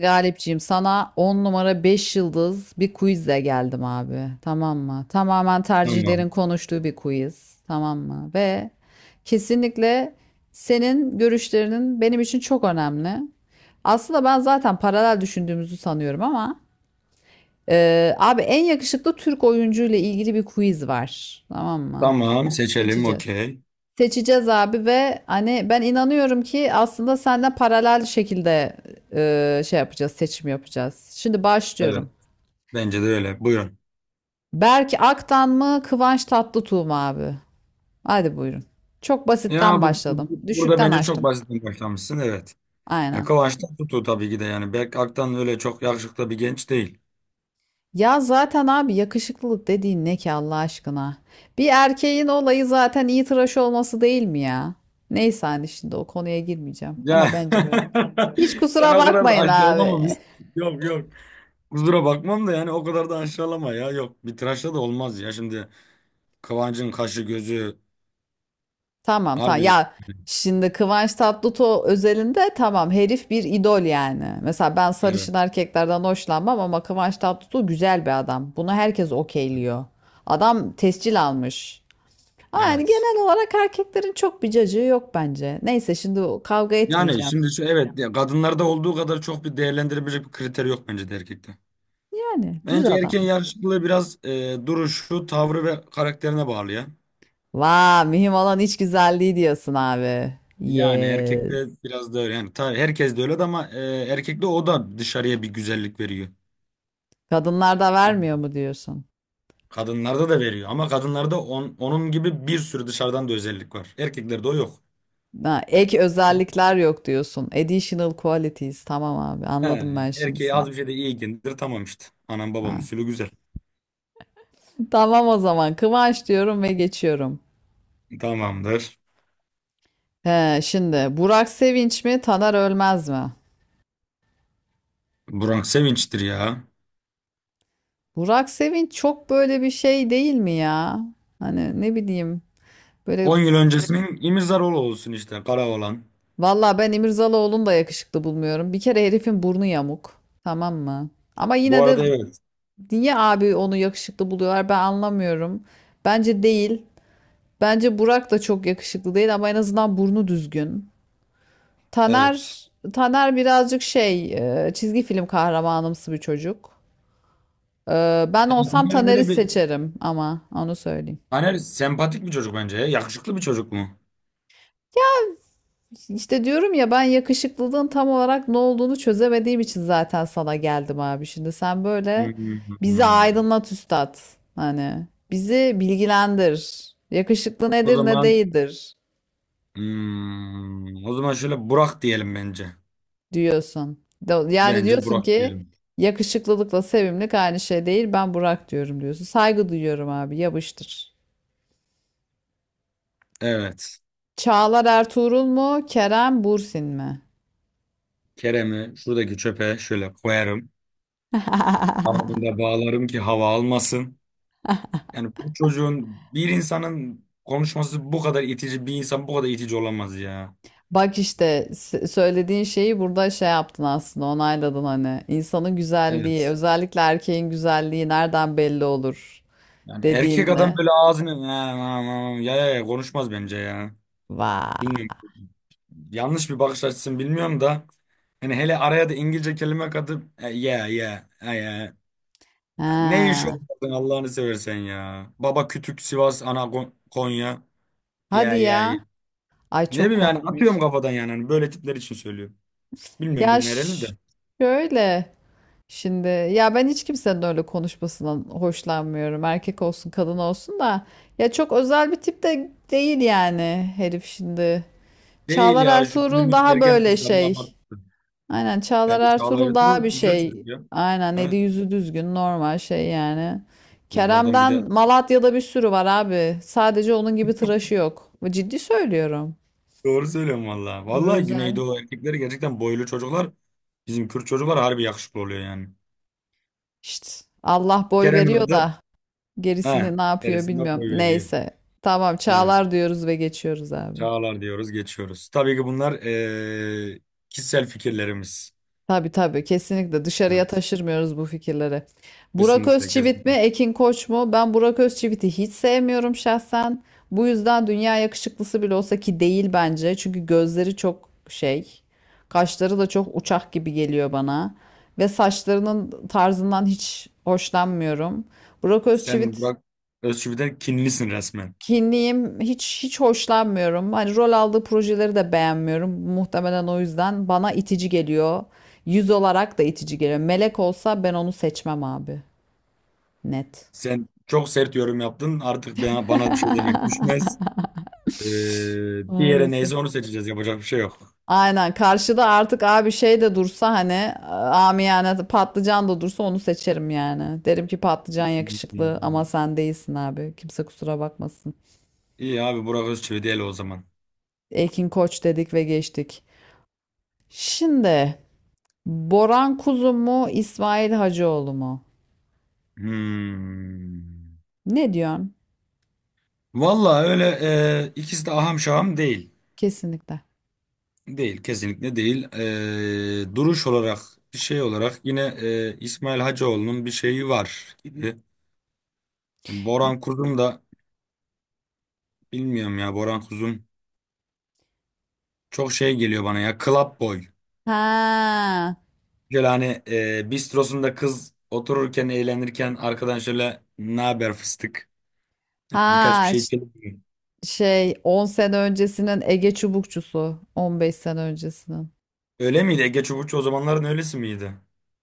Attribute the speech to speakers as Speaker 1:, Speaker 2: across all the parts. Speaker 1: Galipciğim sana 10 numara 5 yıldız bir quizle geldim abi. Tamam mı? Tamamen tercihlerin
Speaker 2: Tamam.
Speaker 1: konuştuğu bir quiz. Tamam mı? Ve kesinlikle senin görüşlerinin benim için çok önemli. Aslında ben zaten paralel düşündüğümüzü sanıyorum ama abi en yakışıklı Türk oyuncu ile ilgili bir quiz var. Tamam mı?
Speaker 2: Tamam seçelim
Speaker 1: Seçeceğiz.
Speaker 2: okey.
Speaker 1: Seçeceğiz abi ve hani ben inanıyorum ki aslında senden paralel şekilde seçim yapacağız. Şimdi
Speaker 2: Evet.
Speaker 1: başlıyorum.
Speaker 2: Bence de öyle. Buyurun.
Speaker 1: Berk Aktan mı, Kıvanç Tatlıtuğ mu abi? Hadi buyurun. Çok
Speaker 2: Ya
Speaker 1: basitten başladım.
Speaker 2: burada
Speaker 1: Düşükten
Speaker 2: bence çok
Speaker 1: açtım.
Speaker 2: basitten başlamışsın evet. Ya
Speaker 1: Aynen.
Speaker 2: Kıvanç tutu tabii ki de yani Berk Aktan öyle çok yakışıklı bir genç değil.
Speaker 1: Ya zaten abi yakışıklılık dediğin ne ki Allah aşkına? Bir erkeğin olayı zaten iyi tıraş olması değil mi ya? Neyse hani şimdi o konuya girmeyeceğim
Speaker 2: Ya
Speaker 1: ama bence böyle. Hiç
Speaker 2: sen
Speaker 1: kusura
Speaker 2: o kadar da
Speaker 1: bakmayın abi.
Speaker 2: aşağılama biz. Yok yok. Kusura bakmam da yani o kadar da aşağılama ya. Yok bir tıraşla da olmaz ya. Şimdi Kıvanç'ın kaşı gözü
Speaker 1: Tamam tamam.
Speaker 2: harbi
Speaker 1: Ya şimdi Kıvanç Tatlıtuğ özelinde tamam herif bir idol yani. Mesela ben
Speaker 2: evet
Speaker 1: sarışın erkeklerden hoşlanmam ama Kıvanç Tatlıtuğ güzel bir adam. Bunu herkes okeyliyor. Adam tescil almış. Ama yani
Speaker 2: evet.
Speaker 1: genel olarak erkeklerin çok bir cacığı yok bence. Neyse şimdi kavga
Speaker 2: Yani
Speaker 1: etmeyeceğim.
Speaker 2: şimdi şu evet ya kadınlarda olduğu kadar çok bir değerlendirebilecek bir kriter yok bence de erkekte.
Speaker 1: Yani düz
Speaker 2: Bence
Speaker 1: adam.
Speaker 2: erken yaşlılığı biraz duruşu, tavrı ve karakterine bağlı ya.
Speaker 1: Vaa mühim olan iç güzelliği diyorsun abi.
Speaker 2: Yani
Speaker 1: Yes.
Speaker 2: erkekte biraz da öyle. Yani tabii herkes de öyle de ama erkekte o da dışarıya bir güzellik veriyor.
Speaker 1: Kadınlar da
Speaker 2: Yani
Speaker 1: vermiyor mu diyorsun?
Speaker 2: kadınlarda da veriyor ama kadınlarda onun gibi bir sürü dışarıdan da özellik var. Erkeklerde o yok.
Speaker 1: Ha, ek özellikler yok diyorsun. Additional qualities. Tamam abi,
Speaker 2: He,
Speaker 1: anladım ben
Speaker 2: yani
Speaker 1: şimdi
Speaker 2: erkeğe az bir
Speaker 1: seni.
Speaker 2: şey de iyikindir tamam işte. Anam babam
Speaker 1: Ha.
Speaker 2: usulü güzel.
Speaker 1: Tamam o zaman. Kıvanç diyorum ve geçiyorum.
Speaker 2: Tamamdır.
Speaker 1: He, şimdi Burak Sevinç mi, Taner Ölmez mi?
Speaker 2: Burak Sevinç'tir ya.
Speaker 1: Burak Sevinç çok böyle bir şey değil mi ya? Hani ne bileyim. Böyle
Speaker 2: 10 yıl öncesinin İmirzaroğlu olsun işte Karaoğlan.
Speaker 1: valla ben İmirzalıoğlu'nu da yakışıklı bulmuyorum. Bir kere herifin burnu yamuk. Tamam mı? Ama
Speaker 2: Bu
Speaker 1: yine de
Speaker 2: arada evet.
Speaker 1: niye abi onu yakışıklı buluyorlar ben anlamıyorum. Bence değil. Bence Burak da çok yakışıklı değil ama en azından burnu düzgün.
Speaker 2: Evet.
Speaker 1: Taner birazcık çizgi film kahramanımsı bir çocuk. Ben olsam
Speaker 2: Yani
Speaker 1: Taner'i
Speaker 2: böyle bir
Speaker 1: seçerim ama onu söyleyeyim.
Speaker 2: Taner sempatik bir çocuk bence ya. Yakışıklı bir çocuk mu?
Speaker 1: İşte diyorum ya ben yakışıklılığın tam olarak ne olduğunu çözemediğim için zaten sana geldim abi. Şimdi sen böyle bizi
Speaker 2: Hmm.
Speaker 1: aydınlat üstad. Hani bizi bilgilendir. Yakışıklı
Speaker 2: O
Speaker 1: nedir ne
Speaker 2: zaman
Speaker 1: değildir,
Speaker 2: o zaman şöyle Burak diyelim bence.
Speaker 1: diyorsun. Yani
Speaker 2: Bence
Speaker 1: diyorsun
Speaker 2: Burak
Speaker 1: ki
Speaker 2: diyelim.
Speaker 1: yakışıklılıkla sevimlilik aynı şey değil. Ben Burak diyorum diyorsun. Saygı duyuyorum abi. Yapıştır.
Speaker 2: Evet.
Speaker 1: Çağlar Ertuğrul mu? Kerem Bürsin mi?
Speaker 2: Kerem'i şuradaki çöpe şöyle koyarım. Ardında bağlarım ki hava almasın. Yani bu çocuğun bir insanın konuşması bu kadar itici bir insan bu kadar itici olamaz ya.
Speaker 1: Bak işte söylediğin şeyi burada şey yaptın aslında onayladın hani. İnsanın güzelliği,
Speaker 2: Evet.
Speaker 1: özellikle erkeğin güzelliği nereden belli olur
Speaker 2: Yani erkek adam
Speaker 1: dediğinde.
Speaker 2: böyle ağzını ya, ya, ya, ya, konuşmaz bence ya.
Speaker 1: Vay.
Speaker 2: Bilmiyorum. Yanlış bir bakış açısını bilmiyorum da hani hele araya da İngilizce kelime katıp ya ya ya ne iş
Speaker 1: Ha.
Speaker 2: olmadın Allah'ını seversen ya. Baba Kütük Sivas ana Konya
Speaker 1: Hadi
Speaker 2: ya ya ya.
Speaker 1: ya. Ay
Speaker 2: Ne
Speaker 1: çok
Speaker 2: bileyim yani atıyorum
Speaker 1: komikmiş.
Speaker 2: kafadan yani hani böyle tipler için söylüyorum. Bilmiyorum
Speaker 1: Ya
Speaker 2: bu nereli
Speaker 1: ş-
Speaker 2: de.
Speaker 1: Şöyle. Şimdi ya ben hiç kimsenin öyle konuşmasından hoşlanmıyorum. Erkek olsun, kadın olsun da ya çok özel bir tip de değil yani herif şimdi.
Speaker 2: Değil
Speaker 1: Çağlar
Speaker 2: ya şu
Speaker 1: Ertuğrul
Speaker 2: günümüz
Speaker 1: daha
Speaker 2: ergen
Speaker 1: böyle
Speaker 2: kızların
Speaker 1: şey.
Speaker 2: abartısı.
Speaker 1: Aynen Çağlar
Speaker 2: Bence Çağla
Speaker 1: Ertuğrul daha
Speaker 2: Ertuğrul
Speaker 1: bir
Speaker 2: güzel
Speaker 1: şey.
Speaker 2: çocuk ya.
Speaker 1: Aynen eli
Speaker 2: Evet
Speaker 1: yüzü düzgün normal şey yani.
Speaker 2: biz bu adam bir
Speaker 1: Kerem'den
Speaker 2: de
Speaker 1: Malatya'da bir sürü var abi. Sadece onun gibi tıraşı yok. Ciddi söylüyorum.
Speaker 2: doğru söylüyorum vallahi.
Speaker 1: Öbür
Speaker 2: Vallahi
Speaker 1: özel.
Speaker 2: Güneydoğu erkekleri gerçekten boylu çocuklar. Bizim Kürt çocuklar harbi yakışıklı oluyor yani.
Speaker 1: İşte Allah boy
Speaker 2: Kerem'in
Speaker 1: veriyor
Speaker 2: adı.
Speaker 1: da.
Speaker 2: He,
Speaker 1: Gerisini ne yapıyor
Speaker 2: neresinde
Speaker 1: bilmiyorum.
Speaker 2: koyuveriyor.
Speaker 1: Neyse. Tamam
Speaker 2: Evet.
Speaker 1: çağlar diyoruz ve geçiyoruz abi.
Speaker 2: Çağlar diyoruz, geçiyoruz. Tabii ki bunlar kişisel fikirlerimiz.
Speaker 1: Tabii tabii kesinlikle dışarıya
Speaker 2: Evet.
Speaker 1: taşırmıyoruz bu fikirleri. Burak
Speaker 2: Kesinlikle,
Speaker 1: Özçivit mi
Speaker 2: kesinlikle.
Speaker 1: Ekin Koç mu? Ben Burak Özçivit'i hiç sevmiyorum şahsen. Bu yüzden dünya yakışıklısı bile olsa ki değil bence. Çünkü gözleri çok şey. Kaşları da çok uçak gibi geliyor bana. Ve saçlarının tarzından hiç hoşlanmıyorum. Burak
Speaker 2: Sen
Speaker 1: Özçivit.
Speaker 2: bak Özçivit'e kinlisin resmen.
Speaker 1: Kinliyim. Hiç hoşlanmıyorum. Hani rol aldığı projeleri de beğenmiyorum. Muhtemelen o yüzden bana itici geliyor. Yüz olarak da itici geliyor. Melek olsa ben onu seçmem abi. Net.
Speaker 2: Sen çok sert yorum yaptın. Artık bana bir şey demek düşmez. Bir yere
Speaker 1: Maalesef.
Speaker 2: neyse onu seçeceğiz. Yapacak bir şey yok.
Speaker 1: Aynen. Karşıda artık abi şey de dursa hani amiyane patlıcan da dursa onu seçerim yani. Derim ki patlıcan yakışıklı
Speaker 2: Hmm.
Speaker 1: ama sen değilsin abi. Kimse kusura bakmasın.
Speaker 2: İyi abi Burak Özçivit el o zaman.
Speaker 1: Ekin Koç dedik ve geçtik. Şimdi Boran Kuzu mu, İsmail Hacıoğlu mu?
Speaker 2: Hmm.
Speaker 1: Ne diyorsun?
Speaker 2: Vallahi öyle ikisi de aham şaham değil.
Speaker 1: Kesinlikle.
Speaker 2: Değil, kesinlikle değil. Duruş olarak, şey olarak yine İsmail Hacıoğlu'nun bir şeyi var gibi. Boran Kuzum da bilmiyorum ya Boran Kuzum çok şey geliyor bana ya club boy.
Speaker 1: Ha,
Speaker 2: Şöyle hani bistrosunda kız otururken eğlenirken arkadan şöyle ne haber fıstık birkaç bir
Speaker 1: ha
Speaker 2: şey
Speaker 1: ş-
Speaker 2: içelim mi?"
Speaker 1: şey 10 sene öncesinin Ege Çubukçusu, 15 sene öncesinin.
Speaker 2: Öyle miydi? Ege Çubukçu o zamanların öylesi miydi?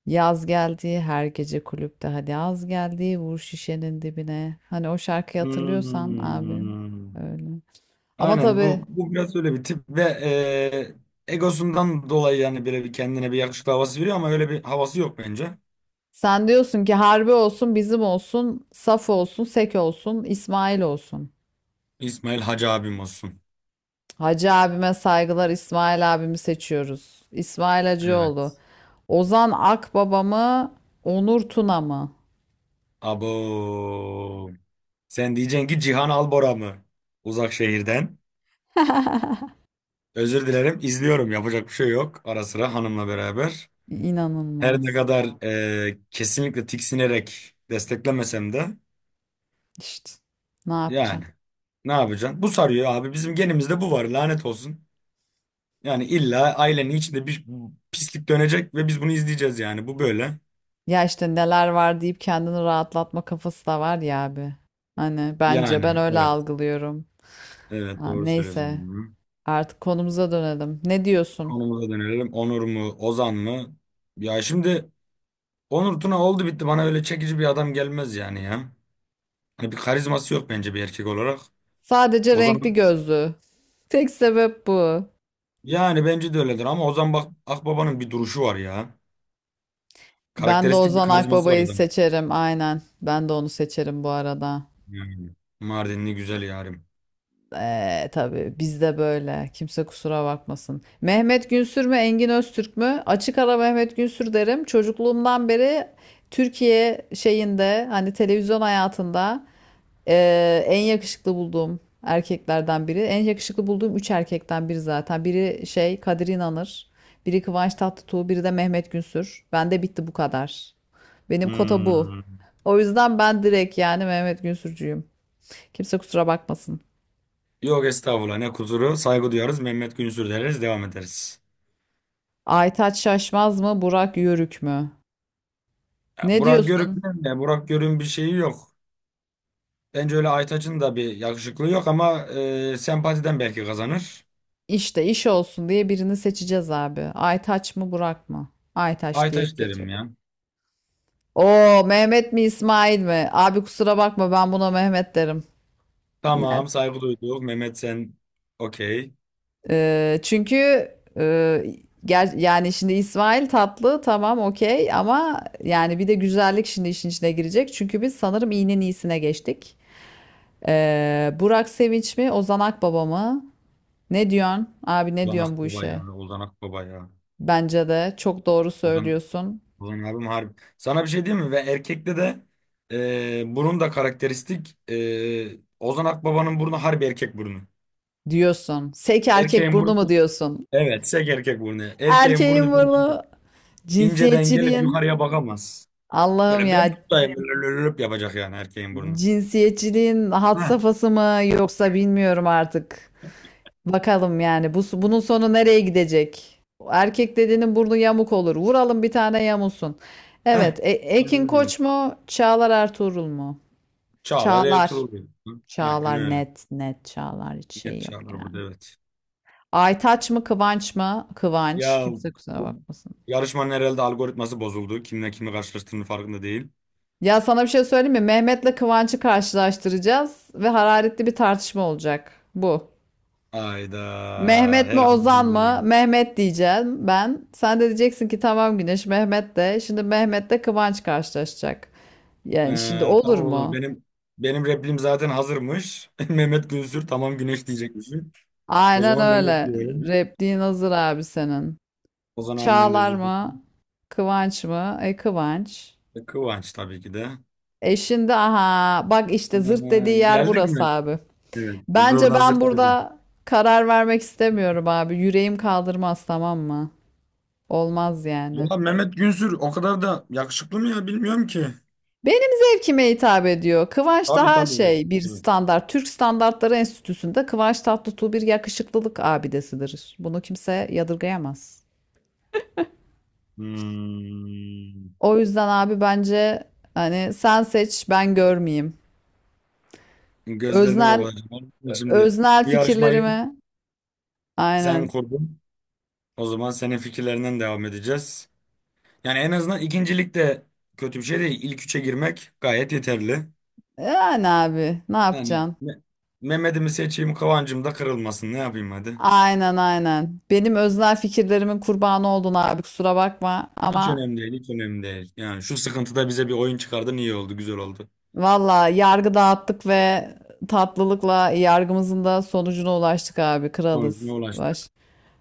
Speaker 1: Yaz geldi her gece kulüpte hadi yaz geldi vur şişenin dibine. Hani o şarkıyı hatırlıyorsan abi
Speaker 2: Hmm.
Speaker 1: öyle. Ama
Speaker 2: Aynen
Speaker 1: tabii
Speaker 2: bu biraz öyle bir tip ve egosundan dolayı yani böyle bir kendine bir yakışıklı havası veriyor ama öyle bir havası yok bence.
Speaker 1: sen diyorsun ki harbi olsun bizim olsun, saf olsun, sek olsun, İsmail olsun.
Speaker 2: İsmail Hacı abim olsun.
Speaker 1: Hacı abime saygılar. İsmail abimi seçiyoruz. İsmail Hacıoğlu.
Speaker 2: Evet.
Speaker 1: Ozan Akbaba mı? Onur Tuna mı?
Speaker 2: Abo. Sen diyeceksin ki Cihan Albora mı? Uzak şehirden. Özür dilerim izliyorum yapacak bir şey yok. Ara sıra hanımla beraber. Her ne
Speaker 1: İnanılmaz.
Speaker 2: kadar kesinlikle tiksinerek desteklemesem de
Speaker 1: İşte ne yapacağım?
Speaker 2: yani ne yapacaksın? Bu sarıyor abi bizim genimizde bu var lanet olsun. Yani illa ailenin içinde bir pislik dönecek ve biz bunu izleyeceğiz yani. Bu böyle.
Speaker 1: Ya işte neler var deyip kendini rahatlatma kafası da var ya abi. Hani bence ben
Speaker 2: Yani
Speaker 1: öyle
Speaker 2: evet.
Speaker 1: algılıyorum.
Speaker 2: Evet
Speaker 1: Ha,
Speaker 2: doğru
Speaker 1: neyse
Speaker 2: söylüyorsun. Hı.
Speaker 1: artık konumuza dönelim. Ne diyorsun?
Speaker 2: Konumuza dönelim. Onur mu? Ozan mı? Ya şimdi Onur Tuna oldu bitti. Bana öyle çekici bir adam gelmez yani ya. Hani bir karizması yok bence bir erkek olarak.
Speaker 1: Sadece
Speaker 2: Ozan
Speaker 1: renkli gözlü. Tek sebep bu.
Speaker 2: yani bence de öyledir ama Ozan bak Akbaba'nın bir duruşu var ya.
Speaker 1: Ben de
Speaker 2: Karakteristik bir
Speaker 1: Ozan
Speaker 2: karizması var
Speaker 1: Akbaba'yı
Speaker 2: adam.
Speaker 1: seçerim aynen. Ben de onu seçerim bu arada.
Speaker 2: Yani. Mardinli güzel yarim.
Speaker 1: Tabii bizde böyle. Kimse kusura bakmasın. Mehmet Günsür mü, Engin Öztürk mü? Açık ara Mehmet Günsür derim. Çocukluğumdan beri Türkiye şeyinde hani televizyon hayatında en yakışıklı bulduğum erkeklerden biri. En yakışıklı bulduğum üç erkekten biri zaten. Biri Kadir İnanır, biri Kıvanç Tatlıtuğ, biri de Mehmet Günsür. Bende bitti bu kadar. Benim kota bu.
Speaker 2: Hmm.
Speaker 1: O yüzden ben direkt yani Mehmet Günsürcüyüm. Kimse kusura bakmasın.
Speaker 2: Yok estağfurullah ne kusuru. Saygı duyarız. Mehmet Günsür deriz. Devam ederiz.
Speaker 1: Aytaç Şaşmaz mı, Burak Yörük mü?
Speaker 2: Ya,
Speaker 1: Ne
Speaker 2: Burak
Speaker 1: diyorsun?
Speaker 2: Görük'ün de Burak Görük'ün bir şeyi yok. Bence öyle Aytaç'ın da bir yakışıklığı yok ama sempatiden belki kazanır.
Speaker 1: İşte iş olsun diye birini seçeceğiz abi. Aytaç mı, Burak mı? Aytaç diye
Speaker 2: Aytaç derim
Speaker 1: geçecek.
Speaker 2: ya.
Speaker 1: Oo, Mehmet mi, İsmail mi? Abi kusura bakma ben buna Mehmet derim. Net.
Speaker 2: Tamam saygı duyduk. Mehmet sen okey.
Speaker 1: Çünkü e, yani şimdi İsmail tatlı tamam okey ama yani bir de güzellik şimdi işin içine girecek. Çünkü biz sanırım iğnenin iyisine geçtik. Burak Sevinç mi, Ozan Akbaba mı? Ne diyorsun? Abi ne
Speaker 2: Ozan
Speaker 1: diyorsun bu
Speaker 2: Akbaba ya.
Speaker 1: işe?
Speaker 2: Ozan Akbaba ya.
Speaker 1: Bence de çok doğru
Speaker 2: Ozan,
Speaker 1: söylüyorsun.
Speaker 2: Ozan abim harbi. Sana bir şey diyeyim mi? Ve erkekte de burun da karakteristik. Ozan Akbaba'nın burnu harbi erkek burnu.
Speaker 1: Diyorsun. Sek erkek
Speaker 2: Erkeğin
Speaker 1: burnu mu
Speaker 2: burnu.
Speaker 1: diyorsun?
Speaker 2: Evet, sek erkek burnu. Erkeğin
Speaker 1: Erkeğin
Speaker 2: burnu böyle
Speaker 1: burnu.
Speaker 2: inceden gelip
Speaker 1: Cinsiyetçiliğin.
Speaker 2: yukarıya bakamaz.
Speaker 1: Allah'ım
Speaker 2: Böyle ben
Speaker 1: ya.
Speaker 2: buradayım böyle lölölöp yapacak yani erkeğin burnu.
Speaker 1: Cinsiyetçiliğin had
Speaker 2: Ha.
Speaker 1: safhası mı yoksa bilmiyorum artık. Bakalım yani bu bunun sonu nereye gidecek? Erkek dediğinin burnu yamuk olur. Vuralım bir tane yamulsun. Evet,
Speaker 2: Heh. Aynen
Speaker 1: Ekin
Speaker 2: öyle.
Speaker 1: Koç mu? Çağlar Ertuğrul mu?
Speaker 2: Çağlar
Speaker 1: Çağlar.
Speaker 2: Ertuğrul, diyor. Aynen
Speaker 1: Çağlar
Speaker 2: öyle.
Speaker 1: net net Çağlar hiç şey
Speaker 2: Net
Speaker 1: yok
Speaker 2: Çağlar burada
Speaker 1: yani.
Speaker 2: evet.
Speaker 1: Aytaç mı Kıvanç mı? Kıvanç.
Speaker 2: Ya
Speaker 1: Kimse kusura
Speaker 2: bu
Speaker 1: bakmasın.
Speaker 2: yarışmanın herhalde algoritması bozuldu. Kimle kimi karşılaştığının farkında değil.
Speaker 1: Ya sana bir şey söyleyeyim mi? Mehmet'le Kıvanç'ı karşılaştıracağız ve hararetli bir tartışma olacak. Bu.
Speaker 2: Hayda.
Speaker 1: Mehmet mi
Speaker 2: Herhalde
Speaker 1: Ozan
Speaker 2: bana böyle
Speaker 1: mı?
Speaker 2: geliyor.
Speaker 1: Mehmet diyeceğim ben. Sen de diyeceksin ki tamam Güneş Mehmet de. Şimdi Mehmet'le Kıvanç karşılaşacak. Yani şimdi
Speaker 2: Ee,
Speaker 1: olur
Speaker 2: tamam oğlum
Speaker 1: mu?
Speaker 2: benim replim zaten hazırmış. Mehmet Günsür tamam güneş diyecekmişim. O
Speaker 1: Aynen
Speaker 2: zaman Mehmet
Speaker 1: öyle.
Speaker 2: diyorum.
Speaker 1: Repliğin hazır abi senin.
Speaker 2: Ozan abimden de
Speaker 1: Çağlar
Speaker 2: özür dilerim.
Speaker 1: mı? Kıvanç mı? E Kıvanç.
Speaker 2: Kıvanç tabii ki de.
Speaker 1: E şimdi aha bak işte zırt dediği
Speaker 2: Ee,
Speaker 1: yer
Speaker 2: geldik
Speaker 1: burası
Speaker 2: mi?
Speaker 1: abi.
Speaker 2: Evet.
Speaker 1: Bence
Speaker 2: Zurna
Speaker 1: ben
Speaker 2: zırt dedi.
Speaker 1: burada karar vermek istemiyorum abi. Yüreğim kaldırmaz tamam mı? Olmaz yani.
Speaker 2: Ya Mehmet Günsür o kadar da yakışıklı mı ya bilmiyorum ki.
Speaker 1: Benim zevkime hitap ediyor. Kıvanç
Speaker 2: Tabii
Speaker 1: daha
Speaker 2: tabii. Evet,
Speaker 1: şey bir
Speaker 2: tabii.
Speaker 1: standart. Türk Standartları Enstitüsü'nde Kıvanç Tatlıtuğ bir yakışıklılık abidesidir. Bunu kimse yadırgayamaz.
Speaker 2: Hmm.
Speaker 1: O yüzden abi bence hani sen seç ben görmeyeyim.
Speaker 2: Gözlerini
Speaker 1: Öznel,
Speaker 2: kapatacağım. Şimdi
Speaker 1: öznel
Speaker 2: bu yarışmayı
Speaker 1: fikirlerimi
Speaker 2: sen
Speaker 1: aynen.
Speaker 2: kurdun. O zaman senin fikirlerinden devam edeceğiz. Yani en azından ikincilik de kötü bir şey değil. İlk üçe girmek gayet yeterli.
Speaker 1: Yani abi ne
Speaker 2: Yani
Speaker 1: yapacaksın?
Speaker 2: Mehmet'imi seçeyim, Kıvancım da kırılmasın. Ne yapayım hadi?
Speaker 1: Aynen aynen. Benim öznel fikirlerimin kurbanı oldun abi kusura bakma
Speaker 2: Hiç
Speaker 1: ama
Speaker 2: önemli değil, hiç önemli değil. Yani şu sıkıntıda bize bir oyun çıkardın iyi oldu, güzel oldu.
Speaker 1: valla yargı dağıttık ve tatlılıkla yargımızın da sonucuna ulaştık abi
Speaker 2: Sonucuna
Speaker 1: kralız.
Speaker 2: ulaştık.
Speaker 1: Baş,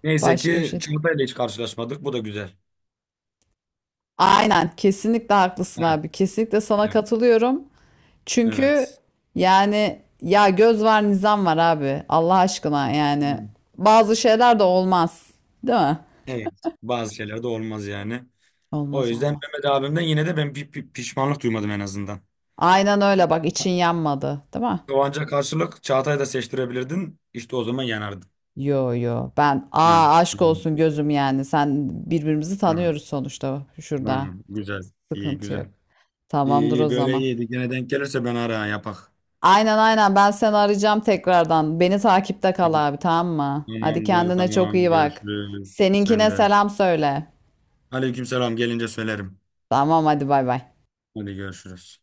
Speaker 2: Neyse
Speaker 1: başka bir
Speaker 2: ki
Speaker 1: şey. de-
Speaker 2: çantayla hiç karşılaşmadık. Bu da güzel.
Speaker 1: Aynen kesinlikle haklısın
Speaker 2: Heh,
Speaker 1: abi kesinlikle sana
Speaker 2: evet.
Speaker 1: katılıyorum. Çünkü
Speaker 2: Evet.
Speaker 1: yani ya göz var nizam var abi Allah aşkına yani
Speaker 2: Hmm.
Speaker 1: bazı şeyler de olmaz değil mi?
Speaker 2: Evet. Bazı şeyler de olmaz yani. O
Speaker 1: Olmaz
Speaker 2: yüzden
Speaker 1: olmaz.
Speaker 2: Mehmet abimden yine de ben bir pişmanlık duymadım en azından.
Speaker 1: Aynen öyle bak için yanmadı değil mi?
Speaker 2: Kıvanç'a karşılık Çağatay'ı da seçtirebilirdin. İşte o zaman yanardın.
Speaker 1: Yo yo ben
Speaker 2: Hı.
Speaker 1: aşk
Speaker 2: Hı.
Speaker 1: olsun gözüm yani sen birbirimizi
Speaker 2: Hı.
Speaker 1: tanıyoruz sonuçta şurada
Speaker 2: Tamam. Güzel. İyi,
Speaker 1: sıkıntı yok.
Speaker 2: güzel. İyi,
Speaker 1: Tamamdır o
Speaker 2: iyi. Böyle
Speaker 1: zaman.
Speaker 2: iyiydi. Gene denk gelirse ben ara yapak.
Speaker 1: Aynen aynen ben seni arayacağım tekrardan. Beni takipte kal abi tamam mı? Hadi
Speaker 2: Tamamdır
Speaker 1: kendine çok
Speaker 2: tamam
Speaker 1: iyi bak.
Speaker 2: görüşürüz. Sen
Speaker 1: Seninkine
Speaker 2: de.
Speaker 1: selam söyle.
Speaker 2: Aleykümselam gelince söylerim.
Speaker 1: Tamam hadi bay bay.
Speaker 2: Hadi görüşürüz.